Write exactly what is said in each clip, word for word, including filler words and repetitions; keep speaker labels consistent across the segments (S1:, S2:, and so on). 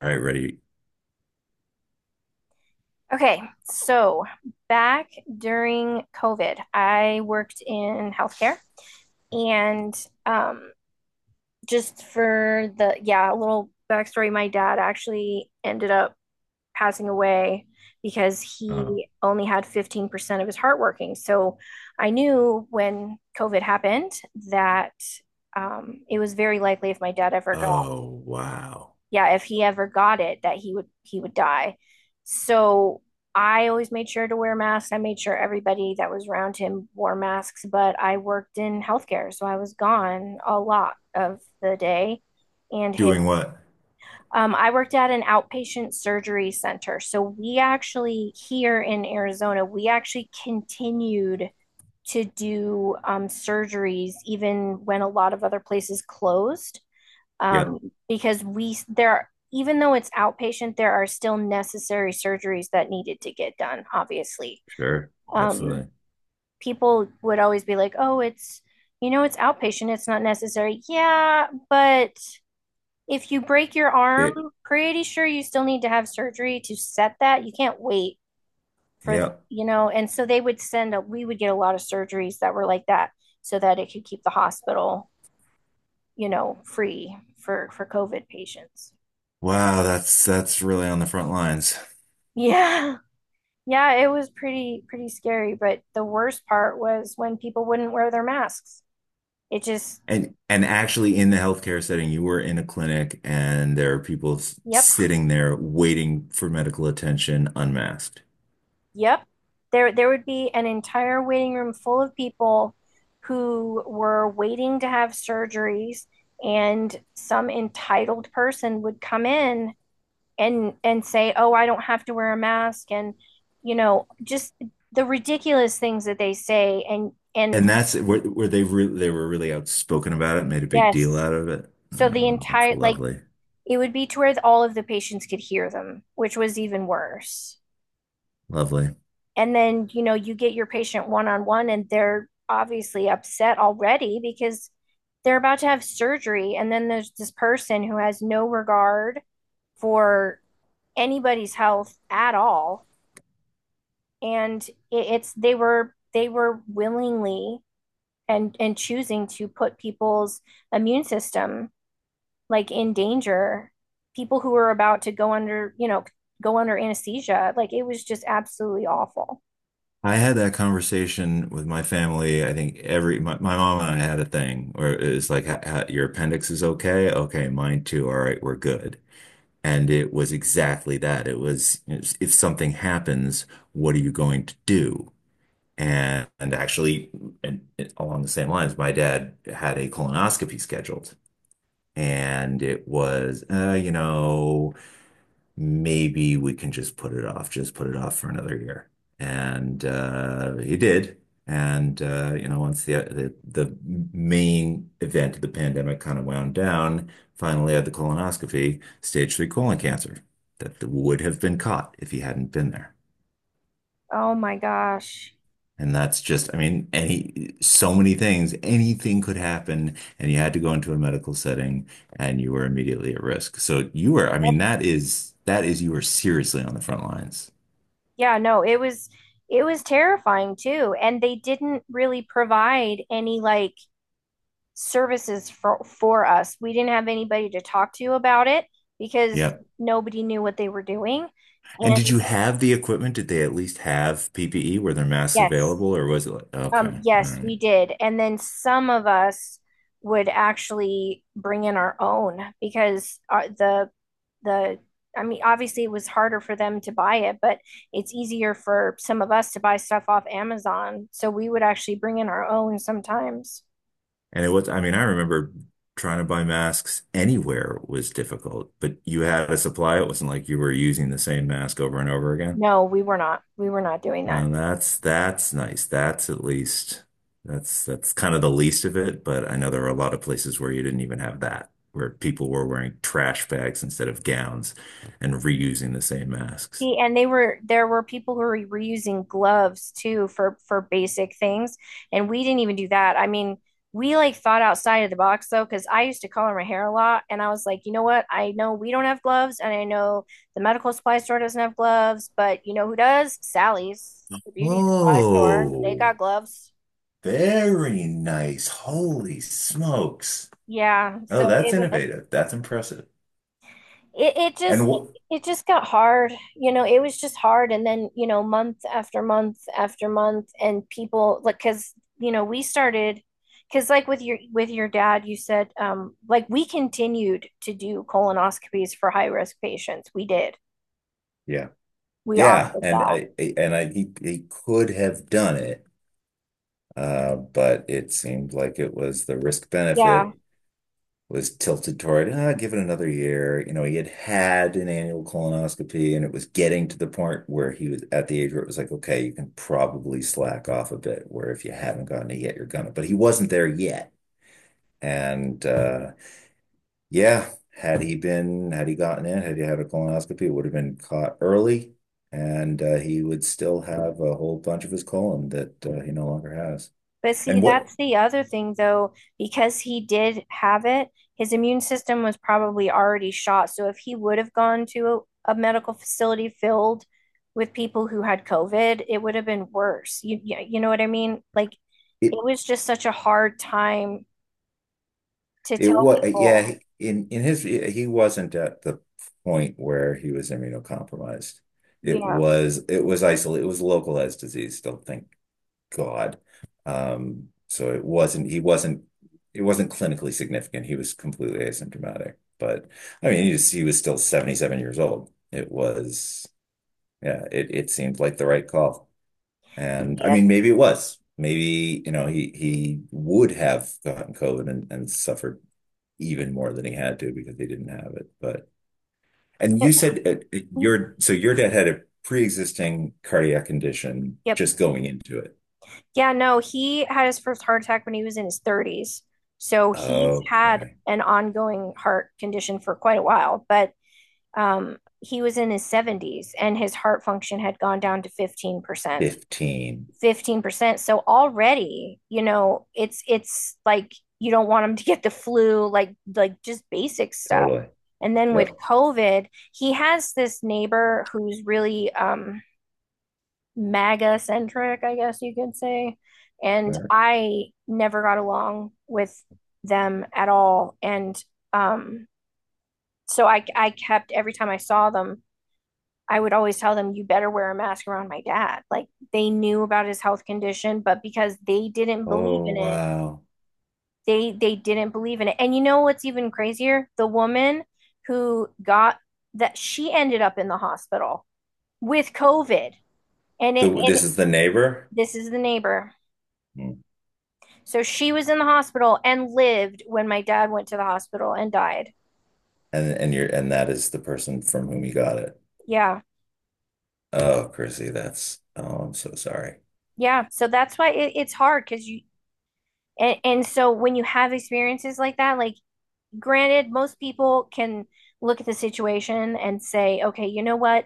S1: All right, ready.
S2: Okay, so back during COVID, I worked in healthcare and um, just for the, yeah, a little backstory, my dad actually ended up passing away because
S1: Uh,
S2: he only had fifteen percent of his heart working. So I knew when COVID happened that um, it was very likely if my dad ever got
S1: oh, wow.
S2: yeah, if he ever got it, that he would he would die. So I always made sure to wear masks. I made sure everybody that was around him wore masks, but I worked in healthcare, so I was gone a lot of the day. And
S1: Doing
S2: his,
S1: what?
S2: um, I worked at an outpatient surgery center. So we actually, here in Arizona, we actually continued to do um, surgeries even when a lot of other places closed,
S1: Yep,
S2: um, because we there are, even though it's outpatient, there are still necessary surgeries that needed to get done. Obviously,
S1: sure.
S2: um,
S1: Absolutely.
S2: people would always be like, "Oh, it's." You know, it's outpatient, it's not necessary. Yeah, but if you break your arm,
S1: It,
S2: pretty sure you still need to have surgery to set that. You can't wait for the,
S1: yep.
S2: you know, and so they would send a, we would get a lot of surgeries that were like that so that it could keep the hospital, you know, free for for COVID patients.
S1: Wow, that's that's really on the front lines.
S2: Yeah. Yeah, it was pretty pretty scary, but the worst part was when people wouldn't wear their masks. It just,
S1: And and actually in the healthcare setting, you were in a clinic and there are people s-
S2: yep,
S1: sitting there waiting for medical attention unmasked.
S2: yep. There there would be an entire waiting room full of people who were waiting to have surgeries, and some entitled person would come in and and say, "Oh, I don't have to wear a mask," and you know, just the ridiculous things that they say and and
S1: And that's where, where they re they were really outspoken about it, made a big deal
S2: yes.
S1: out of it.
S2: So the
S1: Oh, that's
S2: entire like
S1: lovely.
S2: it would be to where all of the patients could hear them, which was even worse.
S1: Lovely.
S2: And then, you know, you get your patient one on one and they're obviously upset already because they're about to have surgery. And then there's this person who has no regard for anybody's health at all. And it's, they were, they were willingly and, and choosing to put people's immune system like in danger, people who were about to go under, you know, go under anesthesia. Like it was just absolutely awful.
S1: I had that conversation with my family. I think every my, my mom and I had a thing where it's like, ha, ha, your appendix is okay. Okay, mine too. All right, we're good. And it was exactly that. It was if something happens, what are you going to do? And, and actually, and it- along the same lines, my dad had a colonoscopy scheduled, and it was, uh, you know, maybe we can just put it off, just put it off for another year. And uh, he did. And uh, you know, once the, uh, the the main event of the pandemic kind of wound down, finally had the colonoscopy, stage three colon cancer that would have been caught if he hadn't been there.
S2: Oh my gosh.
S1: And that's just, I mean, any so many things, anything could happen, and you had to go into a medical setting, and you were immediately at risk. So you were, I mean,
S2: Yep.
S1: that is that is you were seriously on the front lines.
S2: Yeah, no, it was it was terrifying too. And they didn't really provide any like services for for us. We didn't have anybody to talk to about it because
S1: Yep.
S2: nobody knew what they were doing.
S1: And
S2: And
S1: did you have the equipment? Did they at least have P P E? Were there masks
S2: yes.
S1: available, or was it like,
S2: Um,
S1: okay, all
S2: yes, we
S1: right.
S2: did. And then some of us would actually bring in our own because uh, the the I mean, obviously it was harder for them to buy it, but it's easier for some of us to buy stuff off Amazon. So we would actually bring in our own sometimes.
S1: And it was, I mean, I remember trying to buy masks anywhere was difficult, but you had a supply. It wasn't like you were using the same mask over and over again.
S2: No, we were not. We were not doing that.
S1: And that's that's nice. That's at least that's that's kind of the least of it, but I know there were a lot of places where you didn't even have that, where people were wearing trash bags instead of gowns and reusing the same masks.
S2: See, and they were there were people who were reusing gloves too for for basic things, and we didn't even do that. I mean, we like thought outside of the box though, because I used to color my hair a lot, and I was like, you know what? I know we don't have gloves, and I know the medical supply store doesn't have gloves, but you know who does? Sally's, the beauty supply store. They
S1: Oh.
S2: got gloves.
S1: Very nice. Holy smokes.
S2: Yeah, so
S1: Oh, that's
S2: it was.
S1: innovative. That's impressive.
S2: it, it just
S1: And what,
S2: it just got hard, you know, it was just hard, and then, you know, month after month after month, and people like because you know we started because like with your with your dad you said um like we continued to do colonoscopies for high risk patients. We did,
S1: yeah,
S2: we
S1: yeah.
S2: offered
S1: And
S2: that.
S1: I, I- and I, he, he could have done it, uh, but it seemed like it was the risk
S2: Yeah.
S1: benefit was tilted toward, ah, give it another year. You know, he had had an annual colonoscopy and it was getting to the point where he was at the age where it was like, okay, you can probably slack off a bit, where if you haven't gotten it yet, you're gonna, but he wasn't there yet. And, uh, yeah, had he been, had he gotten in, had he had a colonoscopy, it would have been caught early, and uh, he would still have a whole bunch of his colon that uh, he no longer has.
S2: But see,
S1: And what
S2: that's the other thing, though, because he did have it, his immune system was probably already shot. So if he would have gone to a, a medical facility filled with people who had COVID, it would have been worse. You, you know what I mean? Like
S1: it
S2: it was just such a hard time to
S1: it
S2: tell
S1: was, yeah,
S2: people.
S1: in in his he wasn't at the point where he was immunocompromised.
S2: You
S1: It
S2: know.
S1: was it was isolated, it was localized disease. Don't think God. Um, so it wasn't he wasn't it wasn't clinically significant. He was completely asymptomatic. But I mean, he was, he was still seventy-seven years old. It was yeah, it it seemed like the right call. And I
S2: Yeah.
S1: mean, maybe it was. Maybe, you know, he he would have gotten COVID and, and suffered even more than he had to because he didn't have it. But and
S2: Yes.
S1: you said uh, uh, your so your dad had a pre-existing cardiac condition
S2: Yep.
S1: just going into it.
S2: Yeah, no, he had his first heart attack when he was in his thirties. So he's had
S1: Okay.
S2: an ongoing heart condition for quite a while, but um, he was in his seventies and his heart function had gone down to fifteen percent.
S1: fifteen.
S2: fifteen percent. So already, you know, it's it's like you don't want him to get the flu, like like just basic stuff.
S1: Totally.
S2: And then with
S1: Yep.
S2: COVID, he has this neighbor who's really, um, MAGA centric, I guess you could say. And
S1: Sure.
S2: I never got along with them at all. And um, so I, I kept, every time I saw them, I would always tell them, you better wear a mask around my dad. Like they knew about his health condition, but because they didn't believe
S1: Oh,
S2: in it,
S1: wow.
S2: they they didn't believe in it. And you know what's even crazier? The woman who got that she ended up in the hospital with COVID. And it
S1: The,
S2: and
S1: this
S2: it,
S1: is the neighbor?
S2: this is the neighbor.
S1: Hmm.
S2: So she was in the hospital and lived when my dad went to the hospital and died.
S1: And and you're and that is the person from whom you got it.
S2: Yeah.
S1: Oh, Chrissy, that's oh, I'm so sorry.
S2: Yeah. So that's why it, it's hard because you and, and so when you have experiences like that, like granted, most people can look at the situation and say, okay, you know what?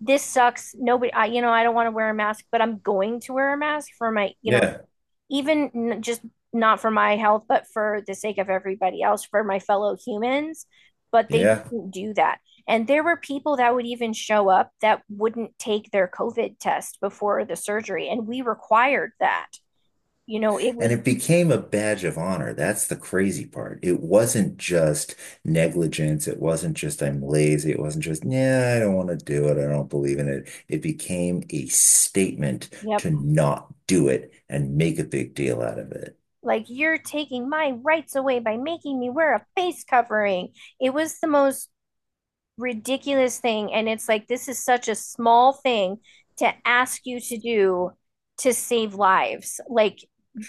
S2: This sucks. Nobody, I, you know, I don't want to wear a mask, but I'm going to wear a mask for my, you know,
S1: Yeah.
S2: even n- just not for my health, but for the sake of everybody else, for my fellow humans. But they
S1: Yeah.
S2: didn't do that. And there were people that would even show up that wouldn't take their COVID test before the surgery. And we required that. You know, it
S1: And
S2: was,
S1: it became a badge of honor. That's the crazy part. It wasn't just negligence. It wasn't just I'm lazy. It wasn't just, yeah, I don't want to do it. I don't believe in it. It became a statement
S2: yep.
S1: to not do it and make a big deal out of it.
S2: Like, you're taking my rights away by making me wear a face covering. It was the most ridiculous thing. And it's like, this is such a small thing to ask you to do to save lives. Like,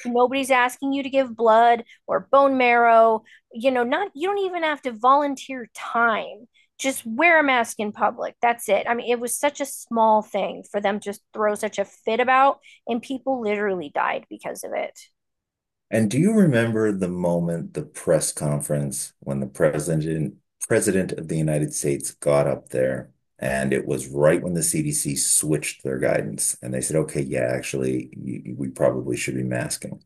S2: nobody's asking you to give blood or bone marrow. You know, not, you don't even have to volunteer time. Just wear a mask in public. That's it. I mean, it was such a small thing for them to just throw such a fit about, and people literally died because of it.
S1: And do you remember the moment, the press conference, when the president president of the United States got up there, and it was right when the C D C switched their guidance, and they said, "Okay, yeah, actually, y we probably should be masking."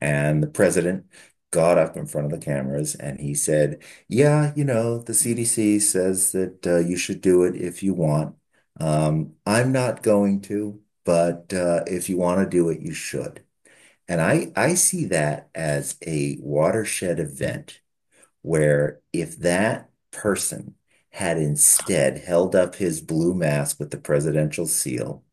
S1: And the president got up in front of the cameras and he said, "Yeah, you know, the C D C says that uh, you should do it if you want. Um, I'm not going to, but uh, if you want to do it, you should." And I, I see that as a watershed event where if that person had instead held up his blue mask with the presidential seal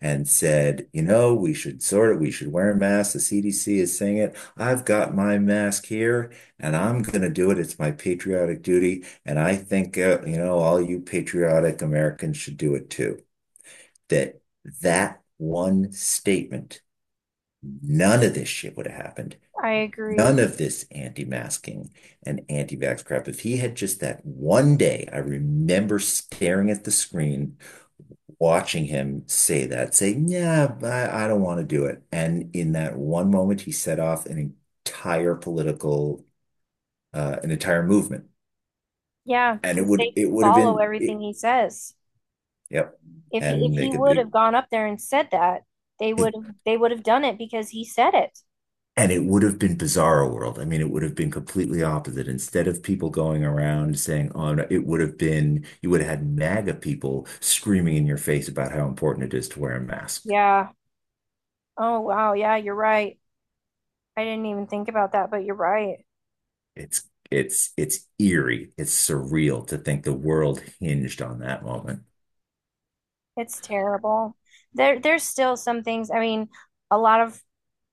S1: and said, you know, we should sort of, we should wear a mask. The C D C is saying it. I've got my mask here and I'm going to do it. It's my patriotic duty. And I think, uh, you know, all you patriotic Americans should do it too. That that one statement, none of this shit would have happened.
S2: I agree.
S1: None of this anti-masking and anti-vax crap. If he had just that one day, I remember staring at the screen, watching him say that, say, "Yeah, I, I don't want to do it." And in that one moment, he set off an entire political, uh, an entire movement,
S2: Yeah,
S1: and it
S2: because
S1: would
S2: they
S1: it would have
S2: follow
S1: been, it,
S2: everything he says.
S1: yep,
S2: If he if
S1: and
S2: he
S1: make a
S2: would
S1: big.
S2: have gone up there and said that, they would
S1: It
S2: have they would have done it because he said it.
S1: And it would have been bizarro world. I mean, it would have been completely opposite. Instead of people going around saying, "Oh," no," it would have been you would have had MAGA people screaming in your face about how important it is to wear a mask.
S2: Yeah. Oh wow, yeah, you're right. I didn't even think about that, but you're right.
S1: It's it's it's eerie. It's surreal to think the world hinged on that moment.
S2: It's terrible. There there's still some things. I mean, a lot of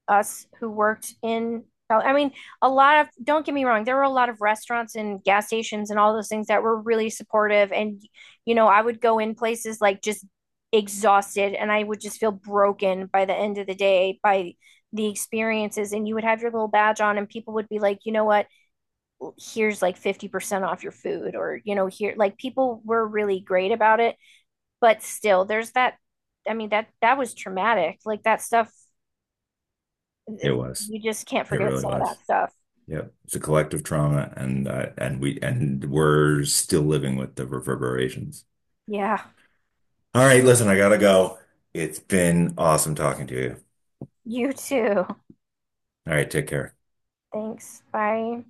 S2: us who worked in, I mean, a lot of, don't get me wrong, there were a lot of restaurants and gas stations and all those things that were really supportive. And, you know, I would go in places like just exhausted and I would just feel broken by the end of the day by the experiences. And you would have your little badge on and people would be like, you know what, here's like fifty percent off your food or, you know, here, like people were really great about it. But still, there's that. I mean, that, that was traumatic. Like that stuff
S1: It was.
S2: you just can't
S1: It
S2: forget
S1: really
S2: some of that
S1: was.
S2: stuff.
S1: Yep. It's a collective trauma, and uh, and we and we're still living with the reverberations.
S2: Yeah.
S1: All right, listen, I gotta go. It's been awesome talking to you.
S2: You too.
S1: All right, take care.
S2: Thanks. Bye.